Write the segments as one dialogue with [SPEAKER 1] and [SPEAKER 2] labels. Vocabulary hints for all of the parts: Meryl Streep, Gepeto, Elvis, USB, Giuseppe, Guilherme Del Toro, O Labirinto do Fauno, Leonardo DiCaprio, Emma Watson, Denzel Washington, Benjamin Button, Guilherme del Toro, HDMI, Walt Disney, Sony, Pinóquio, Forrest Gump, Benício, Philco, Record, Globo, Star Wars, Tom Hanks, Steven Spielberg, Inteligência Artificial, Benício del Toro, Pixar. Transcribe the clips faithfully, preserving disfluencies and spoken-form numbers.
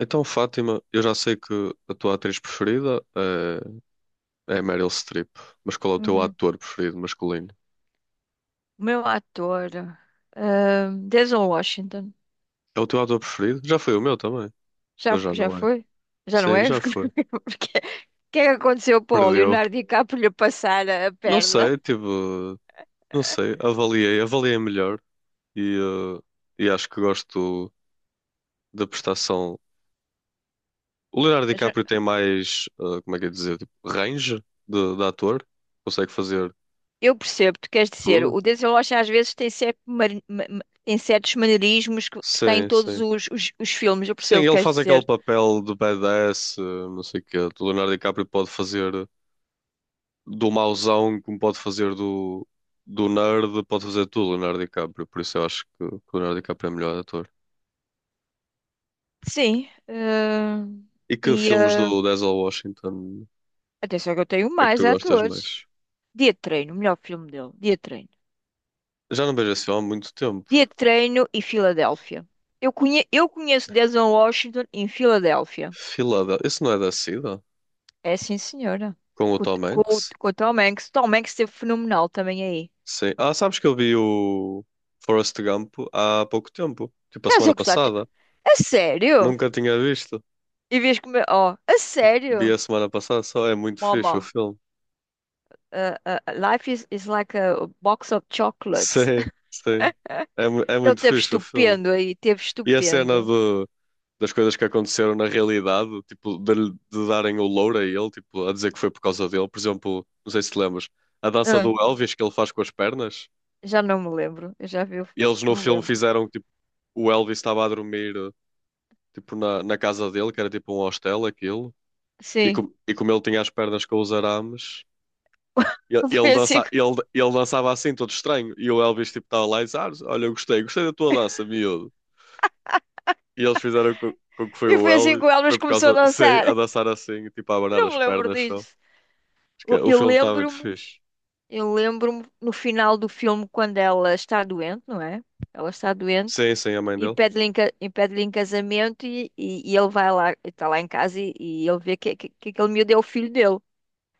[SPEAKER 1] Então, Fátima, eu já sei que a tua atriz preferida é, é a Meryl Streep, mas qual é o teu
[SPEAKER 2] Uhum.
[SPEAKER 1] ator preferido masculino?
[SPEAKER 2] Meu ator. ah, Denzel Washington.
[SPEAKER 1] É o teu ator preferido? Já foi o meu também,
[SPEAKER 2] Já,
[SPEAKER 1] mas já
[SPEAKER 2] já
[SPEAKER 1] não é.
[SPEAKER 2] foi? Já não
[SPEAKER 1] Sim,
[SPEAKER 2] é?
[SPEAKER 1] já foi.
[SPEAKER 2] Porque o que é que aconteceu para o
[SPEAKER 1] Perdeu.
[SPEAKER 2] Leonardo DiCaprio lhe passar a
[SPEAKER 1] Não
[SPEAKER 2] perna?
[SPEAKER 1] sei, tipo, não sei, avaliei, avaliei melhor e, eh, e acho que gosto da prestação. O Leonardo
[SPEAKER 2] Mas eu
[SPEAKER 1] DiCaprio tem mais, eh, como é que é dizer, tipo, range de, de ator, consegue fazer
[SPEAKER 2] eu percebo, tu queres dizer,
[SPEAKER 1] tudo.
[SPEAKER 2] o Denzel Washington às vezes tem, certo mari- ma- ma- tem certos maneirismos que, que está em
[SPEAKER 1] Sim,
[SPEAKER 2] todos
[SPEAKER 1] sim.
[SPEAKER 2] os, os, os filmes, eu
[SPEAKER 1] Sim,
[SPEAKER 2] percebo o que
[SPEAKER 1] ele
[SPEAKER 2] queres
[SPEAKER 1] faz aquele
[SPEAKER 2] dizer.
[SPEAKER 1] papel de badass, eh, não sei o quê. O Leonardo DiCaprio pode fazer do mauzão, como pode fazer do, do nerd, pode fazer tudo, Leonardo DiCaprio. Por isso eu acho que o Leonardo DiCaprio é o melhor ator.
[SPEAKER 2] Sim. ah,
[SPEAKER 1] E que
[SPEAKER 2] e
[SPEAKER 1] filmes do
[SPEAKER 2] ah,
[SPEAKER 1] Denzel Washington
[SPEAKER 2] atenção que eu tenho
[SPEAKER 1] é que
[SPEAKER 2] mais
[SPEAKER 1] tu gostas
[SPEAKER 2] atores.
[SPEAKER 1] mais?
[SPEAKER 2] Dia de Treino, o melhor filme dele. Dia de Treino.
[SPEAKER 1] Já não vejo esse filme há muito tempo.
[SPEAKER 2] Dia de Treino e Filadélfia. Eu, conhe- eu conheço Denzel Washington em Filadélfia.
[SPEAKER 1] Filadel... Esse não é da SIDA?
[SPEAKER 2] É, sim, senhora.
[SPEAKER 1] Com o
[SPEAKER 2] Com, o
[SPEAKER 1] Tom
[SPEAKER 2] com
[SPEAKER 1] Hanks?
[SPEAKER 2] o- com o Tom Hanks. Tom Hanks esteve fenomenal também aí.
[SPEAKER 1] Sim. Ah, sabes que eu vi o Forrest Gump há pouco tempo. Tipo, a
[SPEAKER 2] Estás a
[SPEAKER 1] semana
[SPEAKER 2] acusar?
[SPEAKER 1] passada.
[SPEAKER 2] A sério?
[SPEAKER 1] Nunca tinha visto.
[SPEAKER 2] E vês como. Oh, a
[SPEAKER 1] Vi
[SPEAKER 2] sério?
[SPEAKER 1] a semana passada só. É muito fixe o
[SPEAKER 2] Mama,
[SPEAKER 1] filme.
[SPEAKER 2] uh, uh, life is, is like a box of chocolates.
[SPEAKER 1] Sim, sim. É, mu- é
[SPEAKER 2] Ele
[SPEAKER 1] muito
[SPEAKER 2] teve
[SPEAKER 1] fixe o filme.
[SPEAKER 2] estupendo aí, teve
[SPEAKER 1] E a cena
[SPEAKER 2] estupendo.
[SPEAKER 1] do, das coisas que aconteceram na realidade, tipo, de, lhe- de darem o louro a ele, tipo, a dizer que foi por causa dele. Por exemplo, não sei se te lembras, a dança
[SPEAKER 2] Ah,
[SPEAKER 1] do Elvis que ele faz com as pernas.
[SPEAKER 2] já não me lembro. Eu já vi, o-
[SPEAKER 1] E eles no
[SPEAKER 2] Não me
[SPEAKER 1] filme
[SPEAKER 2] lembro.
[SPEAKER 1] fizeram que tipo, o Elvis estava a dormir tipo, na, na casa dele, que era tipo um hostel, aquilo. E,
[SPEAKER 2] Sim,
[SPEAKER 1] com, e como ele tinha as pernas com os arames, Ele, ele,
[SPEAKER 2] foi assim,
[SPEAKER 1] dança,
[SPEAKER 2] que-
[SPEAKER 1] ele, ele dançava assim, todo estranho. E o Elvis tipo estava lá e disse: "Ah, olha, eu gostei, gostei da tua dança, miúdo." E eles fizeram com, com que foi
[SPEAKER 2] e
[SPEAKER 1] o
[SPEAKER 2] foi assim
[SPEAKER 1] Elvis,
[SPEAKER 2] que o Elvis
[SPEAKER 1] foi por
[SPEAKER 2] começou a
[SPEAKER 1] causa, sei, a
[SPEAKER 2] dançar.
[SPEAKER 1] dançar assim, tipo a abanar
[SPEAKER 2] Não
[SPEAKER 1] as
[SPEAKER 2] me lembro
[SPEAKER 1] pernas só.
[SPEAKER 2] disso.
[SPEAKER 1] Acho que
[SPEAKER 2] Eu
[SPEAKER 1] é- o
[SPEAKER 2] eu
[SPEAKER 1] filme está muito
[SPEAKER 2] lembro-me,
[SPEAKER 1] fixe.
[SPEAKER 2] eu lembro-me no final do filme quando ela está doente, não é? Ela está doente
[SPEAKER 1] Sim, sim, a mãe
[SPEAKER 2] e
[SPEAKER 1] dele.
[SPEAKER 2] pede-lhe em, ca- e pede-lhe em casamento, e, e, e ele vai lá, está lá em casa e, e ele vê que, que, que aquele miúdo é o filho dele.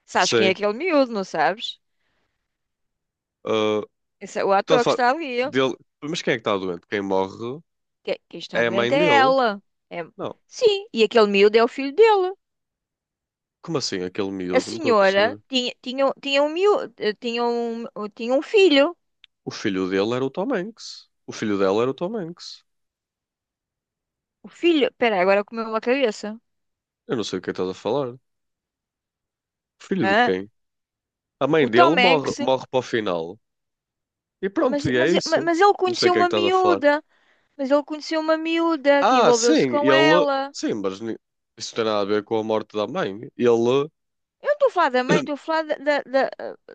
[SPEAKER 2] Sabes quem é
[SPEAKER 1] Sim.
[SPEAKER 2] aquele miúdo, não sabes?
[SPEAKER 1] Ah,
[SPEAKER 2] Esse é o
[SPEAKER 1] tanto
[SPEAKER 2] ator que
[SPEAKER 1] faz.
[SPEAKER 2] está ali.
[SPEAKER 1] Dele... Mas quem é que está doente? Quem morre
[SPEAKER 2] Que- Quem está
[SPEAKER 1] é a
[SPEAKER 2] doente
[SPEAKER 1] mãe
[SPEAKER 2] é
[SPEAKER 1] dele.
[SPEAKER 2] ela. É-
[SPEAKER 1] Não.
[SPEAKER 2] Sim, e aquele miúdo é o filho dele.
[SPEAKER 1] Como assim, aquele
[SPEAKER 2] A
[SPEAKER 1] miúdo? Não estou a
[SPEAKER 2] senhora
[SPEAKER 1] perceber.
[SPEAKER 2] tinha, tinha, tinha um miúdo, tinha um, tinha um filho.
[SPEAKER 1] O filho dele era o Tom Hanks. O filho dela era o Tom Hanks.
[SPEAKER 2] O filho, espera, agora comeu uma cabeça.
[SPEAKER 1] Eu não sei o que estás a falar. Filho de
[SPEAKER 2] Hã?
[SPEAKER 1] quem? A mãe
[SPEAKER 2] O
[SPEAKER 1] dele
[SPEAKER 2] Tom
[SPEAKER 1] morre,
[SPEAKER 2] Hanks.
[SPEAKER 1] morre para o final. E
[SPEAKER 2] Mas,
[SPEAKER 1] pronto, e é
[SPEAKER 2] mas,
[SPEAKER 1] isso.
[SPEAKER 2] mas ele
[SPEAKER 1] Não sei o
[SPEAKER 2] conheceu
[SPEAKER 1] que é que
[SPEAKER 2] uma
[SPEAKER 1] estás a falar.
[SPEAKER 2] miúda. Mas ele conheceu uma miúda que
[SPEAKER 1] Ah,
[SPEAKER 2] envolveu-se
[SPEAKER 1] sim,
[SPEAKER 2] com
[SPEAKER 1] ele.
[SPEAKER 2] ela.
[SPEAKER 1] Sim, mas ni- isso não tem nada a ver com a morte da mãe. Ele.
[SPEAKER 2] Eu não estou a falar da mãe, estou a falar da, da, da,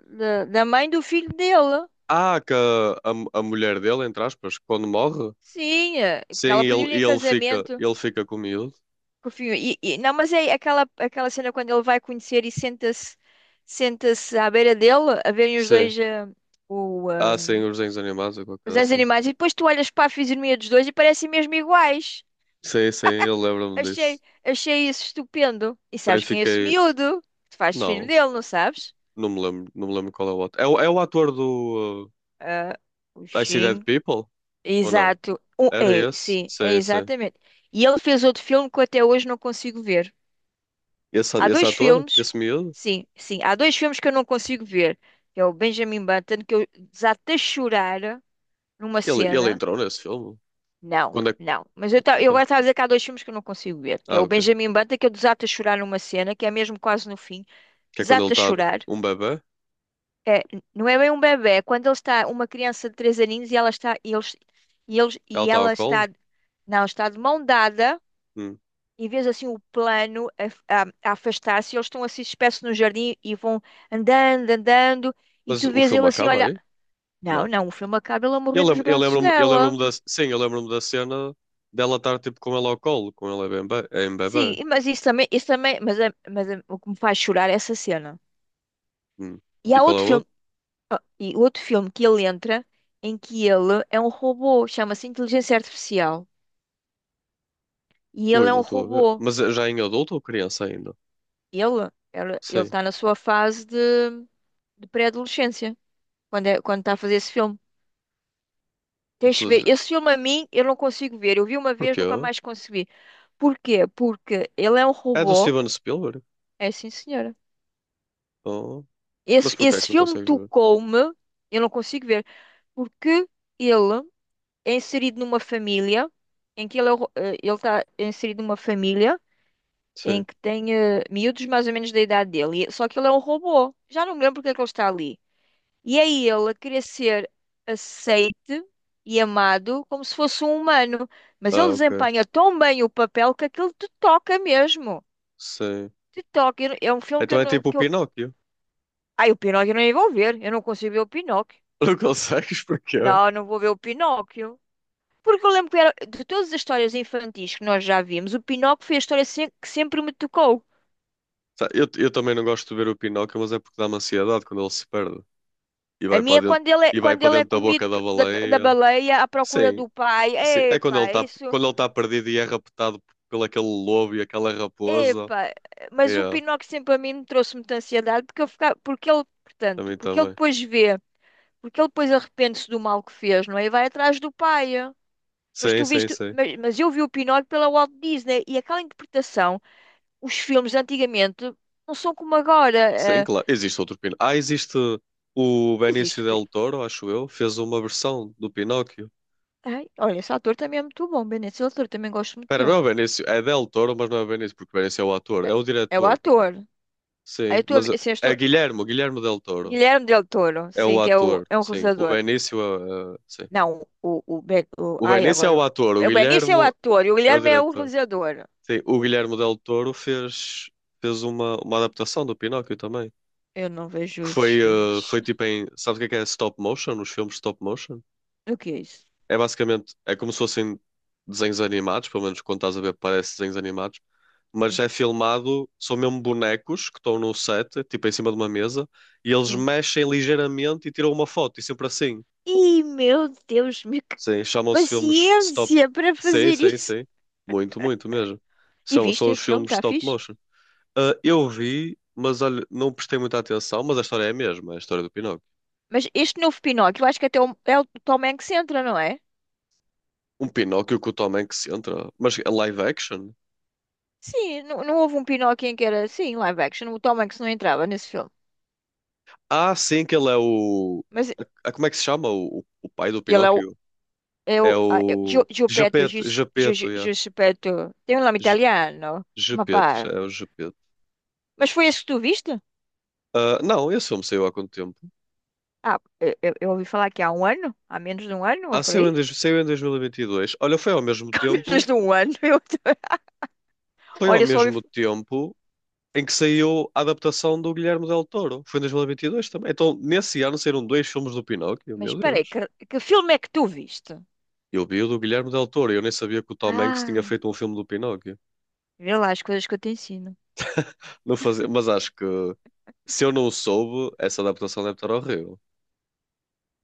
[SPEAKER 2] da- da mãe do filho dele.
[SPEAKER 1] Ah, que a, a, a mulher dele, entre aspas, quando morre.
[SPEAKER 2] Sim, eh, porque
[SPEAKER 1] Sim,
[SPEAKER 2] ela
[SPEAKER 1] ele,
[SPEAKER 2] pediu-lhe em
[SPEAKER 1] ele fica,
[SPEAKER 2] casamento.
[SPEAKER 1] ele fica com o miúdo.
[SPEAKER 2] Que o filho- E, e- não, mas é aquela, aquela cena quando ele vai conhecer e senta-se senta-se à beira dele, a verem os
[SPEAKER 1] Sim.
[SPEAKER 2] dois, eh, o, eh,
[SPEAKER 1] Ah, sim, os desenhos animados ou qualquer
[SPEAKER 2] os
[SPEAKER 1] coisa
[SPEAKER 2] dois
[SPEAKER 1] assim.
[SPEAKER 2] animais. E depois tu olhas para a fisionomia dos dois e parecem mesmo iguais.
[SPEAKER 1] Sim, sim, eu lembro-me
[SPEAKER 2] Achei,
[SPEAKER 1] disso.
[SPEAKER 2] achei isso estupendo. E
[SPEAKER 1] Também
[SPEAKER 2] sabes quem é esse
[SPEAKER 1] fiquei.
[SPEAKER 2] miúdo? Tu fazes filho
[SPEAKER 1] Não,
[SPEAKER 2] dele, não sabes?
[SPEAKER 1] não me lembro, não me lembro qual é o outro. É, o- é o ator do
[SPEAKER 2] Ah, o
[SPEAKER 1] uh, I See Dead
[SPEAKER 2] Xing.
[SPEAKER 1] People? Ou não?
[SPEAKER 2] Exato. Um,
[SPEAKER 1] Era
[SPEAKER 2] é,
[SPEAKER 1] esse?
[SPEAKER 2] sim, é
[SPEAKER 1] Sim, sim.
[SPEAKER 2] exatamente. E ele fez outro filme que eu até hoje não consigo ver.
[SPEAKER 1] Esse,
[SPEAKER 2] Há
[SPEAKER 1] esse
[SPEAKER 2] dois
[SPEAKER 1] ator,
[SPEAKER 2] filmes,
[SPEAKER 1] esse miúdo,
[SPEAKER 2] sim, sim, há dois filmes que eu não consigo ver. É o Benjamin Button, que eu desatei a chorar numa
[SPEAKER 1] ele, ele
[SPEAKER 2] cena.
[SPEAKER 1] entrou nesse filme.
[SPEAKER 2] Não,
[SPEAKER 1] Quando é que.
[SPEAKER 2] não. Mas eu, ta- eu agora
[SPEAKER 1] Então.
[SPEAKER 2] estava a dizer que há dois filmes que eu não consigo ver. Que é
[SPEAKER 1] Ah,
[SPEAKER 2] o
[SPEAKER 1] ok.
[SPEAKER 2] Benjamin Button, que eu desato a chorar numa cena, que é mesmo quase no fim.
[SPEAKER 1] Que é quando ele
[SPEAKER 2] Desato a
[SPEAKER 1] está
[SPEAKER 2] chorar.
[SPEAKER 1] um bebê,
[SPEAKER 2] É, não é bem um bebê, é quando ele está, uma criança de três aninhos e ela está, e eles, e eles,
[SPEAKER 1] ela
[SPEAKER 2] e
[SPEAKER 1] está ao
[SPEAKER 2] ela
[SPEAKER 1] colo.
[SPEAKER 2] está, não, está de mão dada,
[SPEAKER 1] Hum.
[SPEAKER 2] e vês assim o plano a, a- a afastar-se, e eles estão assim espécie no jardim e vão andando, andando, e
[SPEAKER 1] Mas
[SPEAKER 2] tu
[SPEAKER 1] o
[SPEAKER 2] vês ele
[SPEAKER 1] filme
[SPEAKER 2] assim,
[SPEAKER 1] acaba
[SPEAKER 2] olha,
[SPEAKER 1] aí?
[SPEAKER 2] não,
[SPEAKER 1] Não.
[SPEAKER 2] não, o filme acaba ele a
[SPEAKER 1] Eu
[SPEAKER 2] morrer nos
[SPEAKER 1] lembro, eu
[SPEAKER 2] braços
[SPEAKER 1] lembro-me, eu lembro-me
[SPEAKER 2] dela.
[SPEAKER 1] da, sim, eu lembro-me da cena dela estar tipo com ele ao colo, com ele é bem bebê. Em
[SPEAKER 2] Sim,
[SPEAKER 1] bebê.
[SPEAKER 2] e- mas isso também, isso também, mas, é- mas é- o que me faz chorar é essa cena.
[SPEAKER 1] Hum.
[SPEAKER 2] E
[SPEAKER 1] E
[SPEAKER 2] há
[SPEAKER 1] qual é
[SPEAKER 2] outro
[SPEAKER 1] o
[SPEAKER 2] filme.
[SPEAKER 1] outro?
[SPEAKER 2] Ah, e outro filme que ele entra em que ele é um robô, chama-se Inteligência Artificial. E
[SPEAKER 1] Ui,
[SPEAKER 2] ele é um
[SPEAKER 1] não estou a ver.
[SPEAKER 2] robô.
[SPEAKER 1] Mas é já em adulto ou criança ainda?
[SPEAKER 2] Ele, ele, ele
[SPEAKER 1] Sim.
[SPEAKER 2] está na sua fase de, de pré-adolescência, quando, é, quando está a fazer esse filme. Tens que ver.
[SPEAKER 1] Intelig-
[SPEAKER 2] Esse filme a mim, eu não consigo ver. Eu vi uma vez,
[SPEAKER 1] Porquê?
[SPEAKER 2] nunca mais consegui. Porquê? Porque ele é um
[SPEAKER 1] É do
[SPEAKER 2] robô.
[SPEAKER 1] Steven Spielberg?
[SPEAKER 2] É, sim, senhora.
[SPEAKER 1] Oh. Mas
[SPEAKER 2] Esse,
[SPEAKER 1] porquê é
[SPEAKER 2] esse
[SPEAKER 1] que não
[SPEAKER 2] filme
[SPEAKER 1] consegues ver?
[SPEAKER 2] tocou-me. Eu não consigo ver, porque ele é inserido numa família em que ele é o ro- eh, ele está inserido numa família em
[SPEAKER 1] Sim.
[SPEAKER 2] que tem eh, miúdos mais ou menos da idade dele, e- só que ele é um robô. Já não me lembro porque é que ele está ali. E é ele a querer ser aceite e amado como se fosse um humano. Mas ele
[SPEAKER 1] Ah, ok.
[SPEAKER 2] desempenha tão bem o papel que aquilo te toca mesmo.
[SPEAKER 1] Sim.
[SPEAKER 2] Te toca. Eu- É um filme que
[SPEAKER 1] Então
[SPEAKER 2] eu
[SPEAKER 1] é
[SPEAKER 2] não.
[SPEAKER 1] tipo o
[SPEAKER 2] Que eu...
[SPEAKER 1] Pinóquio.
[SPEAKER 2] Ai, o Pinóquio eu nem vou ver. Eu não consigo ver o Pinóquio.
[SPEAKER 1] Não consegues porque eu,
[SPEAKER 2] Não, não vou ver o Pinóquio. Porque eu lembro que era, de todas as histórias infantis que nós já vimos, o Pinóquio foi a história se- que sempre me tocou.
[SPEAKER 1] tá, eu também não gosto de ver o Pinóquio, mas é porque dá-me ansiedade quando ele se perde e
[SPEAKER 2] A
[SPEAKER 1] vai
[SPEAKER 2] minha,
[SPEAKER 1] para
[SPEAKER 2] é
[SPEAKER 1] dentro,
[SPEAKER 2] quando ele é,
[SPEAKER 1] e vai
[SPEAKER 2] quando
[SPEAKER 1] para
[SPEAKER 2] ele é
[SPEAKER 1] dentro da
[SPEAKER 2] comido,
[SPEAKER 1] boca da
[SPEAKER 2] p- da, da
[SPEAKER 1] baleia.
[SPEAKER 2] baleia, à procura
[SPEAKER 1] Sim,
[SPEAKER 2] do pai.
[SPEAKER 1] sim, é quando ele
[SPEAKER 2] Epá,
[SPEAKER 1] está
[SPEAKER 2] isso.
[SPEAKER 1] quando ele está perdido e é raptado pelo aquele lobo e aquela raposa.
[SPEAKER 2] Epá, mas o
[SPEAKER 1] É,
[SPEAKER 2] Pinóquio sempre a mim me trouxe muita ansiedade porque, eu ficava, porque ele, portanto,
[SPEAKER 1] também
[SPEAKER 2] porque ele
[SPEAKER 1] também.
[SPEAKER 2] depois vê, porque ele depois arrepende-se do mal que fez, não é? E vai atrás do pai. Mas
[SPEAKER 1] Sim,
[SPEAKER 2] tu
[SPEAKER 1] sim,
[SPEAKER 2] viste,
[SPEAKER 1] sim.
[SPEAKER 2] mas, mas eu vi o Pinóquio pela Walt Disney e aquela interpretação, os filmes antigamente não são como agora.
[SPEAKER 1] Sim,
[SPEAKER 2] Eh,
[SPEAKER 1] claro. Existe outro Pinóquio. Ah, existe o Benício
[SPEAKER 2] existe. o Pin-
[SPEAKER 1] del Toro, acho eu, fez uma versão do Pinóquio.
[SPEAKER 2] Ai, olha, esse ator também é muito bom, Benito. Esse ator também gosto muito
[SPEAKER 1] Espera, não
[SPEAKER 2] dele.
[SPEAKER 1] é o Benício, é del Toro, mas não é o Benício, porque o Benício é o ator,
[SPEAKER 2] É,
[SPEAKER 1] é o
[SPEAKER 2] é o
[SPEAKER 1] diretor.
[SPEAKER 2] ator. Aí eu
[SPEAKER 1] Sim,
[SPEAKER 2] estou a
[SPEAKER 1] mas
[SPEAKER 2] ver- assim, eu
[SPEAKER 1] é
[SPEAKER 2] estou-
[SPEAKER 1] Guilherme, Guilherme del Toro.
[SPEAKER 2] Guilherme Del Toro,
[SPEAKER 1] É
[SPEAKER 2] sim,
[SPEAKER 1] o
[SPEAKER 2] que é, o,
[SPEAKER 1] ator,
[SPEAKER 2] é um
[SPEAKER 1] sim. O
[SPEAKER 2] realizador.
[SPEAKER 1] Benício, eh, sim.
[SPEAKER 2] Não, o, o, Ben- o-
[SPEAKER 1] O
[SPEAKER 2] ai,
[SPEAKER 1] Benício é o
[SPEAKER 2] agora.
[SPEAKER 1] ator, o
[SPEAKER 2] O Benício é o
[SPEAKER 1] Guilherme
[SPEAKER 2] ator e o
[SPEAKER 1] é o
[SPEAKER 2] Guilherme é o
[SPEAKER 1] diretor.
[SPEAKER 2] realizador.
[SPEAKER 1] Sim, o Guilherme Del Toro fez, fez uma, uma adaptação do Pinóquio também.
[SPEAKER 2] Eu não vejo
[SPEAKER 1] Que
[SPEAKER 2] esses
[SPEAKER 1] foi, eh,
[SPEAKER 2] filmes.
[SPEAKER 1] foi tipo em. Sabes o que é que é stop motion? Os filmes stop motion?
[SPEAKER 2] O que é isso?
[SPEAKER 1] É basicamente. É como se fossem desenhos animados, pelo menos quando estás a ver, parece desenhos animados. Mas
[SPEAKER 2] Sim.
[SPEAKER 1] é filmado, são mesmo bonecos que estão no set, tipo em cima de uma mesa, e eles
[SPEAKER 2] Sim.
[SPEAKER 1] mexem ligeiramente e tiram uma foto, e sempre assim.
[SPEAKER 2] Ih, meu Deus, me... que
[SPEAKER 1] Sim, chamam-se filmes stop.
[SPEAKER 2] paciência para
[SPEAKER 1] Sim,
[SPEAKER 2] fazer
[SPEAKER 1] sim,
[SPEAKER 2] isso.
[SPEAKER 1] sim. Muito, muito mesmo.
[SPEAKER 2] E
[SPEAKER 1] São, são
[SPEAKER 2] viste
[SPEAKER 1] os
[SPEAKER 2] esse filme,
[SPEAKER 1] filmes
[SPEAKER 2] está
[SPEAKER 1] stop
[SPEAKER 2] fixe?
[SPEAKER 1] motion. Ah, eu vi, mas olha, não prestei muita atenção, mas a história é a mesma, é a história do Pinóquio.
[SPEAKER 2] Mas este novo Pinóquio, eu acho que até o- é o Tom Hanks entra, não é?
[SPEAKER 1] Um Pinóquio que o Tom Hanks entra, mas é live action?
[SPEAKER 2] Sim, não, não houve um Pinóquio em que era assim, live action. O Tom Hanks não entrava nesse filme.
[SPEAKER 1] Ah, sim, que ele é o.
[SPEAKER 2] Mas
[SPEAKER 1] Ah, como é que se chama o, o, o pai do
[SPEAKER 2] ele é o.
[SPEAKER 1] Pinóquio?
[SPEAKER 2] É
[SPEAKER 1] É
[SPEAKER 2] o ah, é o
[SPEAKER 1] o.
[SPEAKER 2] Gio- Giuseppe,
[SPEAKER 1] Gepeto,
[SPEAKER 2] Gis- Gi-
[SPEAKER 1] Gepeto,
[SPEAKER 2] Gi-
[SPEAKER 1] yeah.
[SPEAKER 2] Giuseppe, tem um nome
[SPEAKER 1] Ge-
[SPEAKER 2] italiano, ma
[SPEAKER 1] Gepeto,
[SPEAKER 2] parla.
[SPEAKER 1] é o Gepeto.
[SPEAKER 2] Mas foi esse que tu viste?
[SPEAKER 1] Ah, não, esse filme saiu há quanto tempo?
[SPEAKER 2] Ah, eu, eu- eu ouvi falar que há um ano, há menos de um ano,
[SPEAKER 1] Ah,
[SPEAKER 2] ou por
[SPEAKER 1] saiu em,
[SPEAKER 2] aí.
[SPEAKER 1] dois- saiu em dois mil e vinte e dois. Olha, foi ao mesmo
[SPEAKER 2] Há
[SPEAKER 1] tempo.
[SPEAKER 2] menos de um ano. Eu...
[SPEAKER 1] Foi ao
[SPEAKER 2] Olha, eu só ouvi...
[SPEAKER 1] mesmo tempo em que saiu a adaptação do Guilherme Del Toro. Foi em dois mil e vinte e dois também. Então, nesse ano saíram dois filmes do Pinóquio,
[SPEAKER 2] Mas
[SPEAKER 1] meu
[SPEAKER 2] espera aí,
[SPEAKER 1] Deus.
[SPEAKER 2] que, que filme é que tu viste?
[SPEAKER 1] Eu vi o do Guilherme Del Toro e eu nem sabia que o Tom Hanks tinha
[SPEAKER 2] Ah,
[SPEAKER 1] feito um filme do Pinóquio.
[SPEAKER 2] vê lá as coisas que eu te ensino.
[SPEAKER 1] Não fazia... Mas acho que se eu não o soube, essa adaptação deve estar horrível.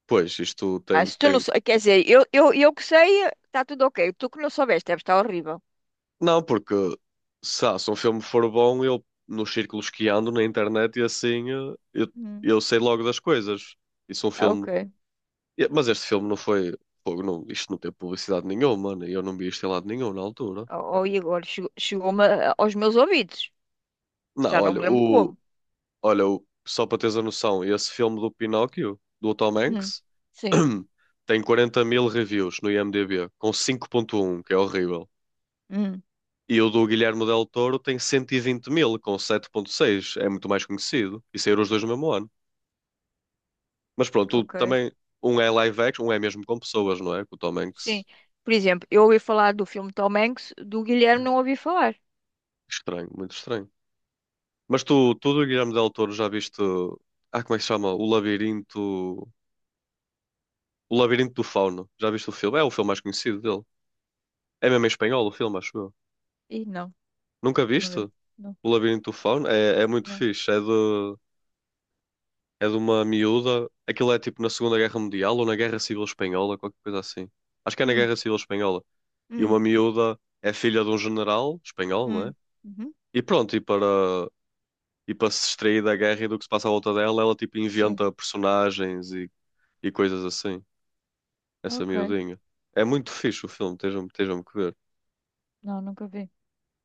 [SPEAKER 1] Pois, isto
[SPEAKER 2] Ah,
[SPEAKER 1] tem,
[SPEAKER 2] se tu não
[SPEAKER 1] tem...
[SPEAKER 2] sou... Quer dizer, eu, eu, eu que sei, está tudo ok. Tu que não soubeste, deve estar horrível.
[SPEAKER 1] Não, porque se, ah, se um filme for bom, eu nos círculos que ando na internet e assim, eh, eu,
[SPEAKER 2] Hum.
[SPEAKER 1] eu sei logo das coisas. E se um
[SPEAKER 2] Ah,
[SPEAKER 1] filme.
[SPEAKER 2] ok.
[SPEAKER 1] E- Mas este filme não foi. Pô, não, isto não teve publicidade nenhuma, mano. E eu não vi isto em lado nenhum na altura.
[SPEAKER 2] Oh, oh, e agora chegou- chegou-me a- aos meus ouvidos.
[SPEAKER 1] Não,
[SPEAKER 2] Já não
[SPEAKER 1] olha,
[SPEAKER 2] me lembro
[SPEAKER 1] o,
[SPEAKER 2] como.
[SPEAKER 1] olha o, só para teres a noção, esse filme do Pinóquio, do Tom
[SPEAKER 2] Hum.
[SPEAKER 1] Hanks,
[SPEAKER 2] Sim.
[SPEAKER 1] tem quarenta mil reviews no IMDb, com cinco vírgula um que é horrível.
[SPEAKER 2] Hum.
[SPEAKER 1] E o do Guilherme Del Toro tem cento e vinte mil, com sete vírgula seis. É muito mais conhecido. E saíram os dois no mesmo ano. Mas pronto, o-
[SPEAKER 2] Ok.
[SPEAKER 1] também, um é live action, um é mesmo com pessoas, não é? Com o Tom
[SPEAKER 2] Sim.
[SPEAKER 1] Hanks.
[SPEAKER 2] Por exemplo, eu ouvi falar do filme Tom Hanks, do Guilherme não ouvi falar.
[SPEAKER 1] Estranho, muito estranho. Mas tu, tu do Guilherme Del Toro já viste. Ah, como é que se chama? O Labirinto. O Labirinto do Fauno. Já viste o filme? É o filme mais conhecido dele. É mesmo em espanhol o filme, acho eu.
[SPEAKER 2] Ih, não,
[SPEAKER 1] Nunca
[SPEAKER 2] não
[SPEAKER 1] viste?
[SPEAKER 2] vi. Não,
[SPEAKER 1] O Labirinto do Fauno? É, é muito
[SPEAKER 2] não.
[SPEAKER 1] fixe. É de, é de uma miúda. Aquilo é tipo na Segunda Guerra Mundial ou na Guerra Civil Espanhola, qualquer coisa assim. Acho que é na
[SPEAKER 2] Hum,
[SPEAKER 1] Guerra Civil Espanhola. E
[SPEAKER 2] hum,
[SPEAKER 1] uma miúda é filha de um general espanhol, não é?
[SPEAKER 2] hum. Uhum.
[SPEAKER 1] E pronto, e para, e para se distrair da guerra e do que se passa à volta dela, ela tipo
[SPEAKER 2] Sim,
[SPEAKER 1] inventa personagens e, e coisas assim. Essa
[SPEAKER 2] ok.
[SPEAKER 1] miudinha. É muito fixe o filme, estejam, estejam que ver.
[SPEAKER 2] Não, nunca vi.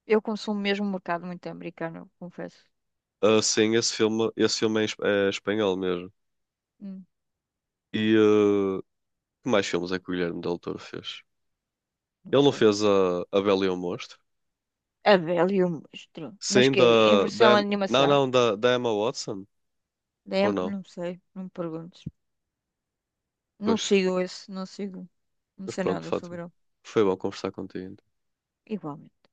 [SPEAKER 2] Eu consumo mesmo o mercado muito americano, eu confesso.
[SPEAKER 1] Ah, sim, esse filme, esse filme é, em esp- é espanhol mesmo.
[SPEAKER 2] Hum,
[SPEAKER 1] E ah, que mais filmes é que o Guilherme Del Toro fez?
[SPEAKER 2] não
[SPEAKER 1] Ele não
[SPEAKER 2] sei.
[SPEAKER 1] fez a, a Bela e o Monstro?
[SPEAKER 2] A Bela e o Monstro. Mas
[SPEAKER 1] Sim,
[SPEAKER 2] que é? Em
[SPEAKER 1] da,
[SPEAKER 2] versão
[SPEAKER 1] da, Em- não,
[SPEAKER 2] animação?
[SPEAKER 1] não, da, da Emma Watson?
[SPEAKER 2] Da
[SPEAKER 1] Ou
[SPEAKER 2] Em-
[SPEAKER 1] não?
[SPEAKER 2] Não sei, não me perguntes. Não
[SPEAKER 1] Pois,
[SPEAKER 2] sigo esse, não sigo. Não
[SPEAKER 1] mas
[SPEAKER 2] sei
[SPEAKER 1] pronto,
[SPEAKER 2] nada
[SPEAKER 1] Fátima.
[SPEAKER 2] sobre ele.
[SPEAKER 1] Foi bom conversar contigo.
[SPEAKER 2] Igualmente.